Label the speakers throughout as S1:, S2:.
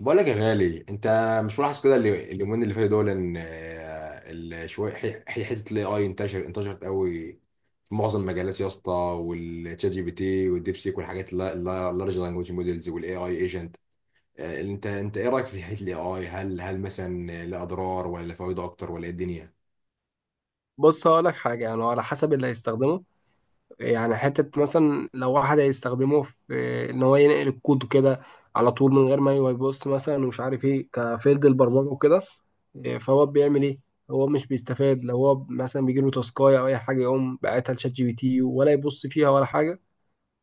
S1: بقول لك يا غالي انت مش ملاحظ كده اليومين اللي فاتوا دول ان شويه حته الاي اي انتشرت قوي في معظم المجالات يا اسطى، والتشات جي بي تي والديب سيك والحاجات اللارج لانجوج موديلز والاي اي ايجنت. انت ايه رايك في حته الاي اي؟ هل مثلا له اضرار ولا فوائده اكتر، ولا ايه الدنيا؟
S2: بص هقول لك حاجة، يعني على حسب اللي هيستخدمه. يعني حتة مثلا لو واحد هيستخدمه في إن هو ينقل الكود كده على طول من غير ما يبص، مثلا ومش عارف إيه كفيلد البرمجة وكده. إيه، فهو بيعمل إيه؟ هو مش بيستفاد لو هو مثلا بيجيله تاسكاية أو أي حاجة يقوم باعتها لشات جي بي تي ولا يبص فيها ولا حاجة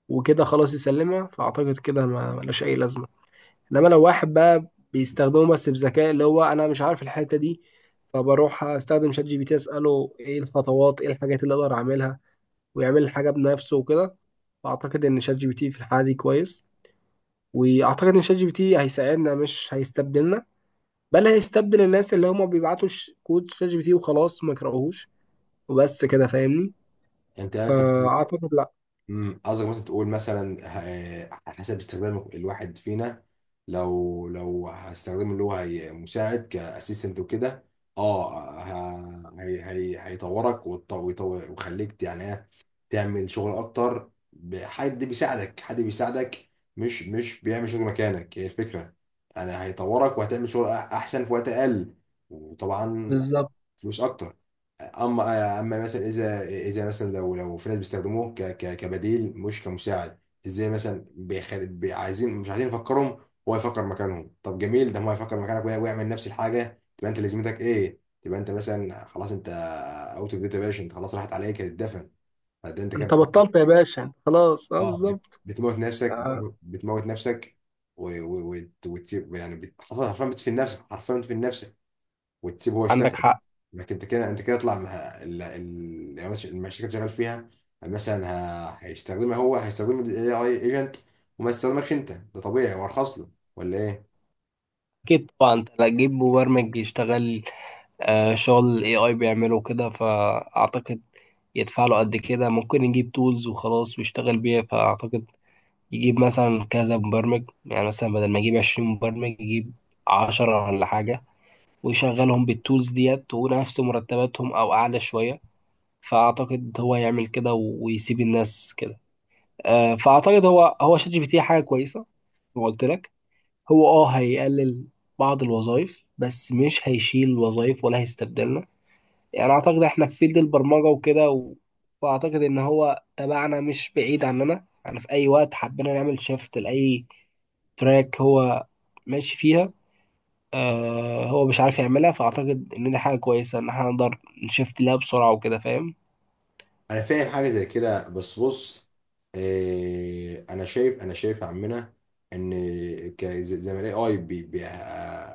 S2: وكده خلاص يسلمها، فأعتقد كده ما ملوش أي لازمة. انما لو واحد بقى بيستخدمه بس بذكاء، اللي هو انا مش عارف الحته دي، فبروح استخدم شات جي بي تي اساله ايه الخطوات، ايه الحاجات اللي اقدر اعملها، ويعمل الحاجه بنفسه وكده. فاعتقد ان شات جي بي تي في الحاله دي كويس، واعتقد ان شات جي بي تي هيساعدنا مش هيستبدلنا. بل هيستبدل الناس اللي هم بيبعتوا كود شات جي بي تي وخلاص ما يقراوهوش، وبس كده فاهمني.
S1: انت مثلا.
S2: فاعتقد لا.
S1: قصدك مثلا تقول مثلا، على حسب استخدام الواحد فينا. لو هستخدمه اللي هو مساعد كاسيستنت وكده، هي هيطورك ويخليك يعني تعمل شغل اكتر، حد بيساعدك، حد بيساعدك. مش بيعمل شغل مكانك، هي الفكره. انا هيطورك وهتعمل شغل احسن في وقت اقل. وطبعا
S2: بالظبط.
S1: مش اكتر. اما مثلا اذا مثلا، لو في ناس بيستخدموه ك كبديل مش كمساعد، ازاي مثلا؟ عايزين، مش عايزين يفكرهم، هو يفكر مكانهم. طب جميل، ده هو يفكر مكانك ويعمل نفس الحاجه، تبقى انت لازمتك ايه؟ تبقى انت مثلا خلاص، انت اوت اوف ديت يا باشا، انت خلاص راحت عليك، هتتدفن. فده انت
S2: انت
S1: كده
S2: بطلت يا باشا خلاص، اه بالظبط.
S1: بتموت نفسك،
S2: آه،
S1: بتموت نفسك و... و... وت... وت... يعني بت... حرفيا بتدفن نفسك، حرفيا بتدفن نفسك، وتسيبه هو يشتغل.
S2: عندك حق.
S1: انك انت كده، انت كده اطلع مع يعني مثلا المشاريع اللي شغال فيها مثلا، هيستخدمها هو، هيستخدم الاي اي ايجنت، وما يستخدمكش انت. ده طبيعي وارخص له، ولا ايه؟
S2: أكيد طبعا أنت لا تجيب مبرمج يشتغل. آه، شغل ال AI بيعمله كده، فأعتقد يدفع له قد كده. ممكن يجيب تولز وخلاص ويشتغل بيها. فأعتقد يجيب مثلا كذا مبرمج، يعني مثلا بدل ما يجيب 20 مبرمج يجيب 10 ولا حاجة، ويشغلهم بالتولز ديت ونفس مرتباتهم أو أعلى شوية. فأعتقد هو يعمل كده ويسيب الناس كده. آه، فأعتقد هو شات جي بي تي حاجة كويسة. زي ما قلت لك، هو هيقلل بعض الوظائف، بس مش هيشيل وظائف ولا هيستبدلنا. يعني اعتقد احنا في فيلد البرمجه وكده فاعتقد ان هو تبعنا مش بعيد عننا، يعني في اي وقت حبينا نعمل شيفت لاي تراك هو ماشي فيها. آه، هو مش عارف يعملها، فاعتقد ان دي حاجه كويسه، ان احنا نقدر نشفت لها بسرعه وكده فاهم.
S1: انا فاهم حاجه زي كده، بس بص انا شايف يا عمنا ان زي ما الاي اي بي بي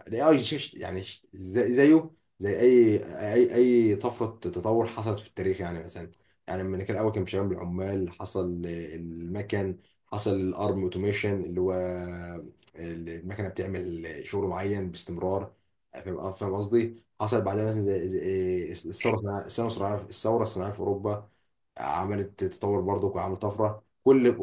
S1: الاي اي يعني زي زيه، زي اي طفره تطور حصلت في التاريخ. يعني مثلا، يعني لما كان الاول كان بيشتغل بالعمال، حصل المكن، حصل الارم اوتوميشن اللي هو المكنه بتعمل شغل معين باستمرار، فاهم؟ فاهم قصدي؟ حصل بعدها مثلا الثوره الصناعيه الثورة الصناعية في اوروبا، عملت تطور برضه وعملت طفره. كل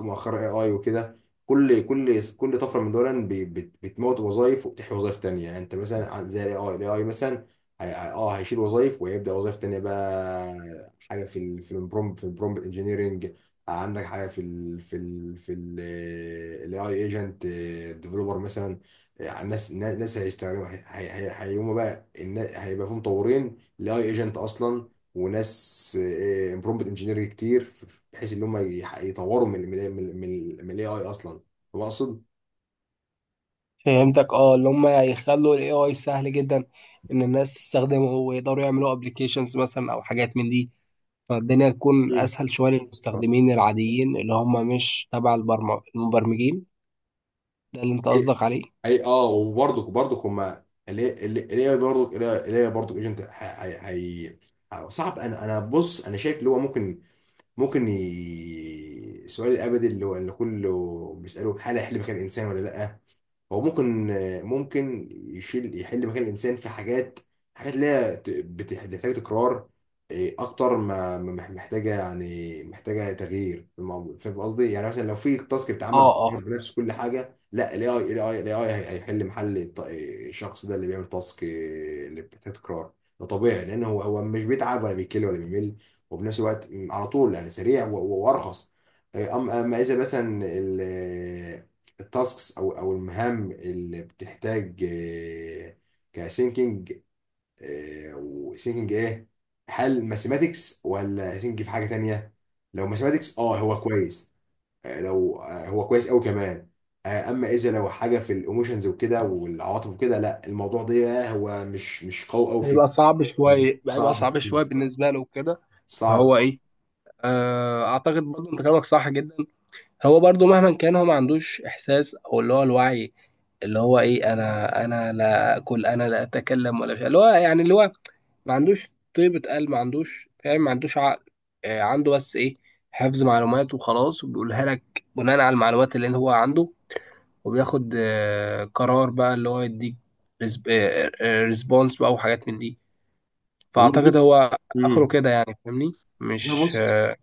S1: مؤخرا اي اي وكده، كل طفره من دول بتموت وظائف وبتحيي وظائف تانية. يعني انت مثلا زي الاي اي مثلا، هيشيل وظائف ويبدا وظائف تانية. بقى حاجه في في البرومبت، في البرومبت انجينيرنج، عندك حاجه في ال في ال في الاي اي ايجنت ديفلوبر مثلا. ناس هيستخدموا، هيقوموا بقى هيبقى في مطورين الاي ايجنت اصلا، وناس برومبت انجينير كتير، بحيث ان هم يطوروا من من من من الاي اي اصلا، فاهم اقصد؟
S2: فهمتك، اه اللي هم يخلوا الاي اي سهل جدا، ان الناس تستخدمه ويقدروا يعملوا ابلكيشنز مثلا او حاجات من دي، فالدنيا تكون
S1: مم.
S2: اسهل شويه
S1: آه.
S2: للمستخدمين العاديين اللي هم مش تبع المبرمجين. ده اللي انت قصدك عليه.
S1: اي، اه، وبرضك هم الاي اي برضك، الاي اي برضك ايجنت صعب. انا انا بص، انا شايف اللي هو ممكن، ممكن السؤال الابدي اللي هو اللي كله بيساله: هل هيحل مكان الانسان ولا لا؟ هو ممكن، ممكن يشيل، يحل مكان الانسان في حاجات، حاجات اللي هي بتحتاج تكرار اكتر، ما محتاجه، يعني محتاجه تغيير في الموضوع، فاهم قصدي؟ يعني مثلا لو في تاسك
S2: اه.
S1: بيتعمل
S2: اه،
S1: بتغير بنفس كل حاجه، لا، الاي اي الاي الاي هيحل محل الشخص ده اللي بيعمل تاسك اللي بتحتاج تكرار. ده طبيعي، لان هو هو مش بيتعب ولا بيكل ولا بيمل، وفي نفس الوقت على طول، يعني سريع وارخص. اما مثلا التاسكس او او المهام اللي بتحتاج كسينكينج، وسينكينج ايه؟ هل ماثيماتكس ولا سينك في حاجه تانية؟ لو ماثيماتكس اه هو كويس، لو هو كويس قوي كمان. اما اذا لو حاجه في الايموشنز وكده والعواطف وكده، لا، الموضوع ده بقى هو مش قوي فيه.
S2: هيبقى صعب شوية، هيبقى
S1: صعب
S2: صعب
S1: كتير،
S2: شوية بالنسبة له وكده.
S1: صعب.
S2: فهو ايه، آه اعتقد برضو انت كلامك صح جدا. هو برضو مهما كان هو ما عندوش احساس، او اللي هو الوعي، اللي هو ايه، انا لا اكل، انا لا اتكلم ولا شيء، اللي هو يعني اللي هو ما عندوش طيبة قلب، ما عندوش فاهم، ما عندوش عقل. آه عنده بس ايه، حفظ معلومات وخلاص، وبيقولها لك بناء على المعلومات اللي هو عنده، وبياخد آه قرار بقى اللي هو يديك ريسبونس بقى وحاجات من دي.
S1: والله
S2: فاعتقد
S1: بص.
S2: هو اخره
S1: امم
S2: كده، يعني فاهمني
S1: والله
S2: مش
S1: بص،
S2: آه،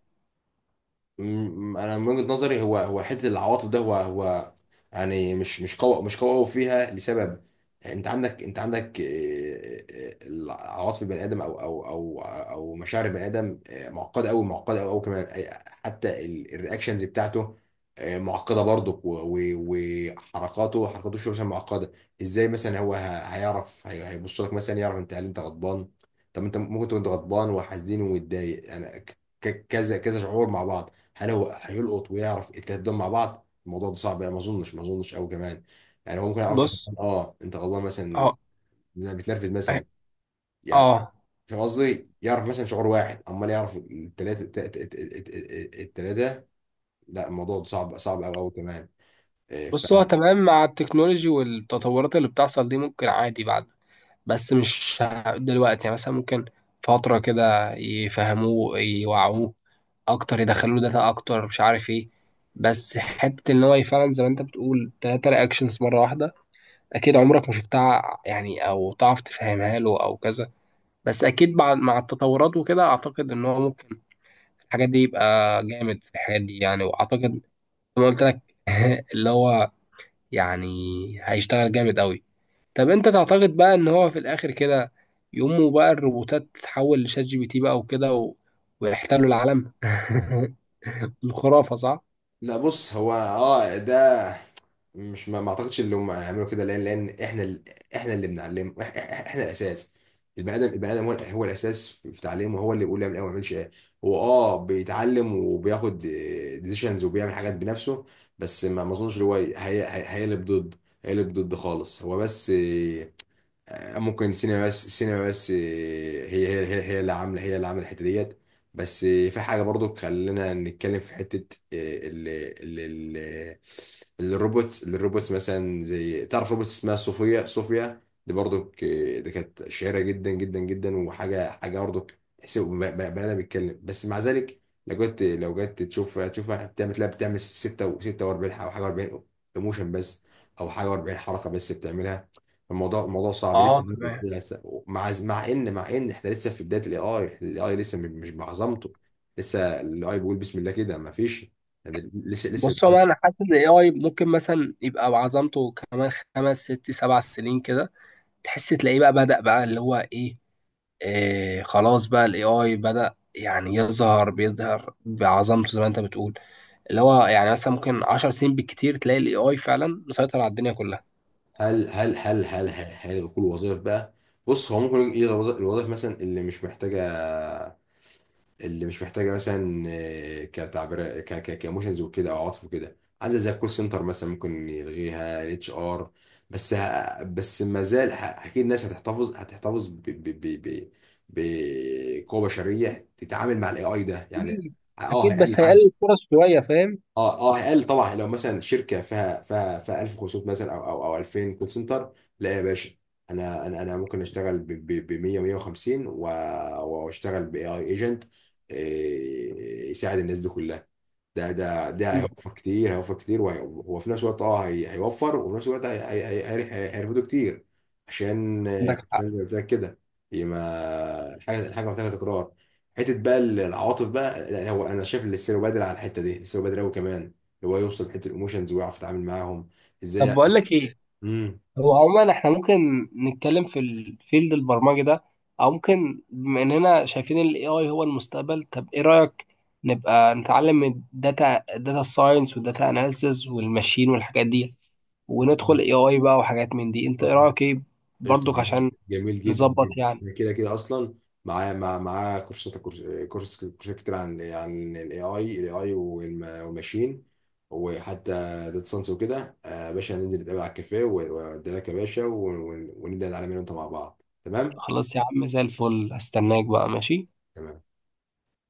S1: انا من وجهة نظري هو، هو حته العواطف ده، هو هو يعني مش قوي، مش قوي فيها، لسبب. انت عندك العواطف، البني ادم او او او او مشاعر البني ادم معقده قوي، معقده قوي كمان. حتى الرياكشنز بتاعته معقده برضه، وحركاته، حركاته شو مثلا معقده. ازاي مثلا هو هيعرف هيبص لك مثلا يعرف انت هل انت غضبان؟ طب انت ممكن تكون أنت غضبان وحزين ومتضايق، يعني كذا كذا شعور مع بعض. هل هو هيلقط ويعرف التلات دول مع بعض؟ الموضوع ده صعب يعني، ما اظنش، ما اظنش. قوي كمان يعني، هو ممكن يعرف طب
S2: بص.
S1: اه انت غضبان مثلا،
S2: اه.
S1: إنك بتنرفز مثلا، يعني
S2: اه
S1: فاهم قصدي؟ يعرف مثلا شعور واحد، امال يعرف التلاته؟ التلاته. لا، الموضوع ده صعب، صعب قوي قوي كمان.
S2: بص، هو تمام مع التكنولوجي والتطورات اللي بتحصل دي ممكن عادي بعد، بس مش دلوقتي. يعني مثلا ممكن فترة كده يفهموه، يوعوه أكتر، يدخلوا له داتا أكتر، مش عارف إيه. بس حتة إن هو فعلا زي ما أنت بتقول 3 رياكشنز مرة واحدة، أكيد عمرك ما شفتها، يعني أو تعرف تفهمها له أو كذا. بس أكيد مع التطورات وكده أعتقد إن هو ممكن الحاجات دي يبقى جامد في الحاجات دي، يعني واعتقد زي ما قلت لك، اللي هو يعني هيشتغل جامد قوي. طب انت تعتقد بقى ان هو في الاخر كده يقوموا بقى الروبوتات تتحول لشات جي بي تي بقى وكده ويحتلوا العالم الخرافة صح؟
S1: لا بص، هو اه ده، مش، ما ما اعتقدش ان هم هيعملوا كده، لان احنا احنا اللي بنعلم احنا الاساس. البني ادم هو هو الاساس في في تعليمه، هو اللي بيقول يعمل ايه وما يعملش ايه. هو اه بيتعلم وبياخد ديسيشنز وبيعمل حاجات بنفسه. بس ما ما اظنش إن هو هيقلب ضد، هيقلب ضد خالص. هو بس ممكن سينما، بس سينما بس. هي اللي عامله، هي اللي عامله الحته ديت. بس في حاجه برضو، خلينا نتكلم في حته ال ال ال الروبوتس مثلا. زي تعرف روبوت اسمها صوفيا؟ صوفيا دي برضو، دي كانت شهيره جدا جدا جدا. وحاجه، حاجه برضو تحسب بني ادم بيتكلم، بس مع ذلك لو جت، لو جت تشوفها، تشوفها بتعمل، تلاقي بتعمل 6 و 46 حاجه، حاجه و40 ايموشن بس، او حاجه و40 حركه بس بتعملها. الموضوع، الموضوع صعب لسه،
S2: اه تمام.
S1: مع مع ان، مع ان احنا لسه في بدايه الاي اي، الاي اي لسه مش بعظمته، لسه الاي اي بيقول بسم الله كده، ما فيش يعني لسه، لسه.
S2: بص هو انا حاسس ان الاي اي ممكن مثلا يبقى بعظمته كمان 5 6 7 سنين كده، تحس تلاقيه بقى بدأ بقى اللي هو ايه، إيه خلاص بقى الاي اي بدأ يعني يظهر، بيظهر بعظمته زي ما انت بتقول. اللي هو يعني مثلا ممكن 10 سنين بالكتير تلاقي الاي اي فعلا مسيطر على الدنيا كلها.
S1: هل كل وظائف بقى؟ بص، هو ممكن يلغي الوظائف مثلا اللي مش محتاجه، اللي مش محتاجه مثلا كتعبير كايموشنز وكده او عاطف وكده، عايزه زي الكول سنتر مثلا، ممكن يلغيها الاتش ار. بس ما زال، اكيد الناس هتحتفظ بقوه بشريه تتعامل مع الاي اي ده يعني.
S2: اكيد.
S1: اه
S2: اكيد
S1: هيقل
S2: بس هيقلل
S1: عدد.
S2: الفرص شويه فاهم.
S1: اه قال، طبعا لو مثلا شركه فيها 1500 مثلا او او او 2000 كول سنتر، لا يا باشا، انا ممكن اشتغل ب 100 150 واشتغل باي اي ايجنت يساعد الناس دي كلها. ده هيوفر كتير، هيوفر كتير، وهو في نفس الوقت، اه هيوفر، وفي نفس الوقت هيرفضه كتير. عشان،
S2: عندك
S1: عشان
S2: حق.
S1: زي ما قلت لك كده، هي ما الحاجه، الحاجه محتاجه تكرار. حته بقى العواطف بقى، لا، هو انا شايف ان لسه بادر على الحته دي، لسه بادر قوي كمان، اللي هو يوصل لحته الايموشنز ويعرف يتعامل معاهم، ازاي
S2: طب بقول
S1: يعني؟
S2: لك ايه، هو عموما احنا ممكن نتكلم في الفيلد البرمجي ده، او ممكن بما اننا شايفين الاي اي هو المستقبل، طب ايه رأيك نبقى نتعلم الداتا، الداتا ساينس والداتا اناليسز والماشين والحاجات دي، وندخل اي اي بقى وحاجات من دي، انت ايه
S1: امم
S2: رأيك ايه
S1: قشطة،
S2: برضك
S1: جميل
S2: عشان
S1: جميل جدا
S2: نظبط
S1: جدا،
S2: يعني.
S1: أنا كده كده اصلا معاه، معاه كورسات، كورسات كتير عن الاي اي، الاي اي والماشين، وحتى داتا ساينس وكده. يا باشا هننزل نتقابل على الكافيه، وادي لك يا باشا ونبدا نتعلم انا وانت مع بعض، تمام؟
S2: خلاص يا عم زي الفل، استناك بقى ماشي.
S1: تمام.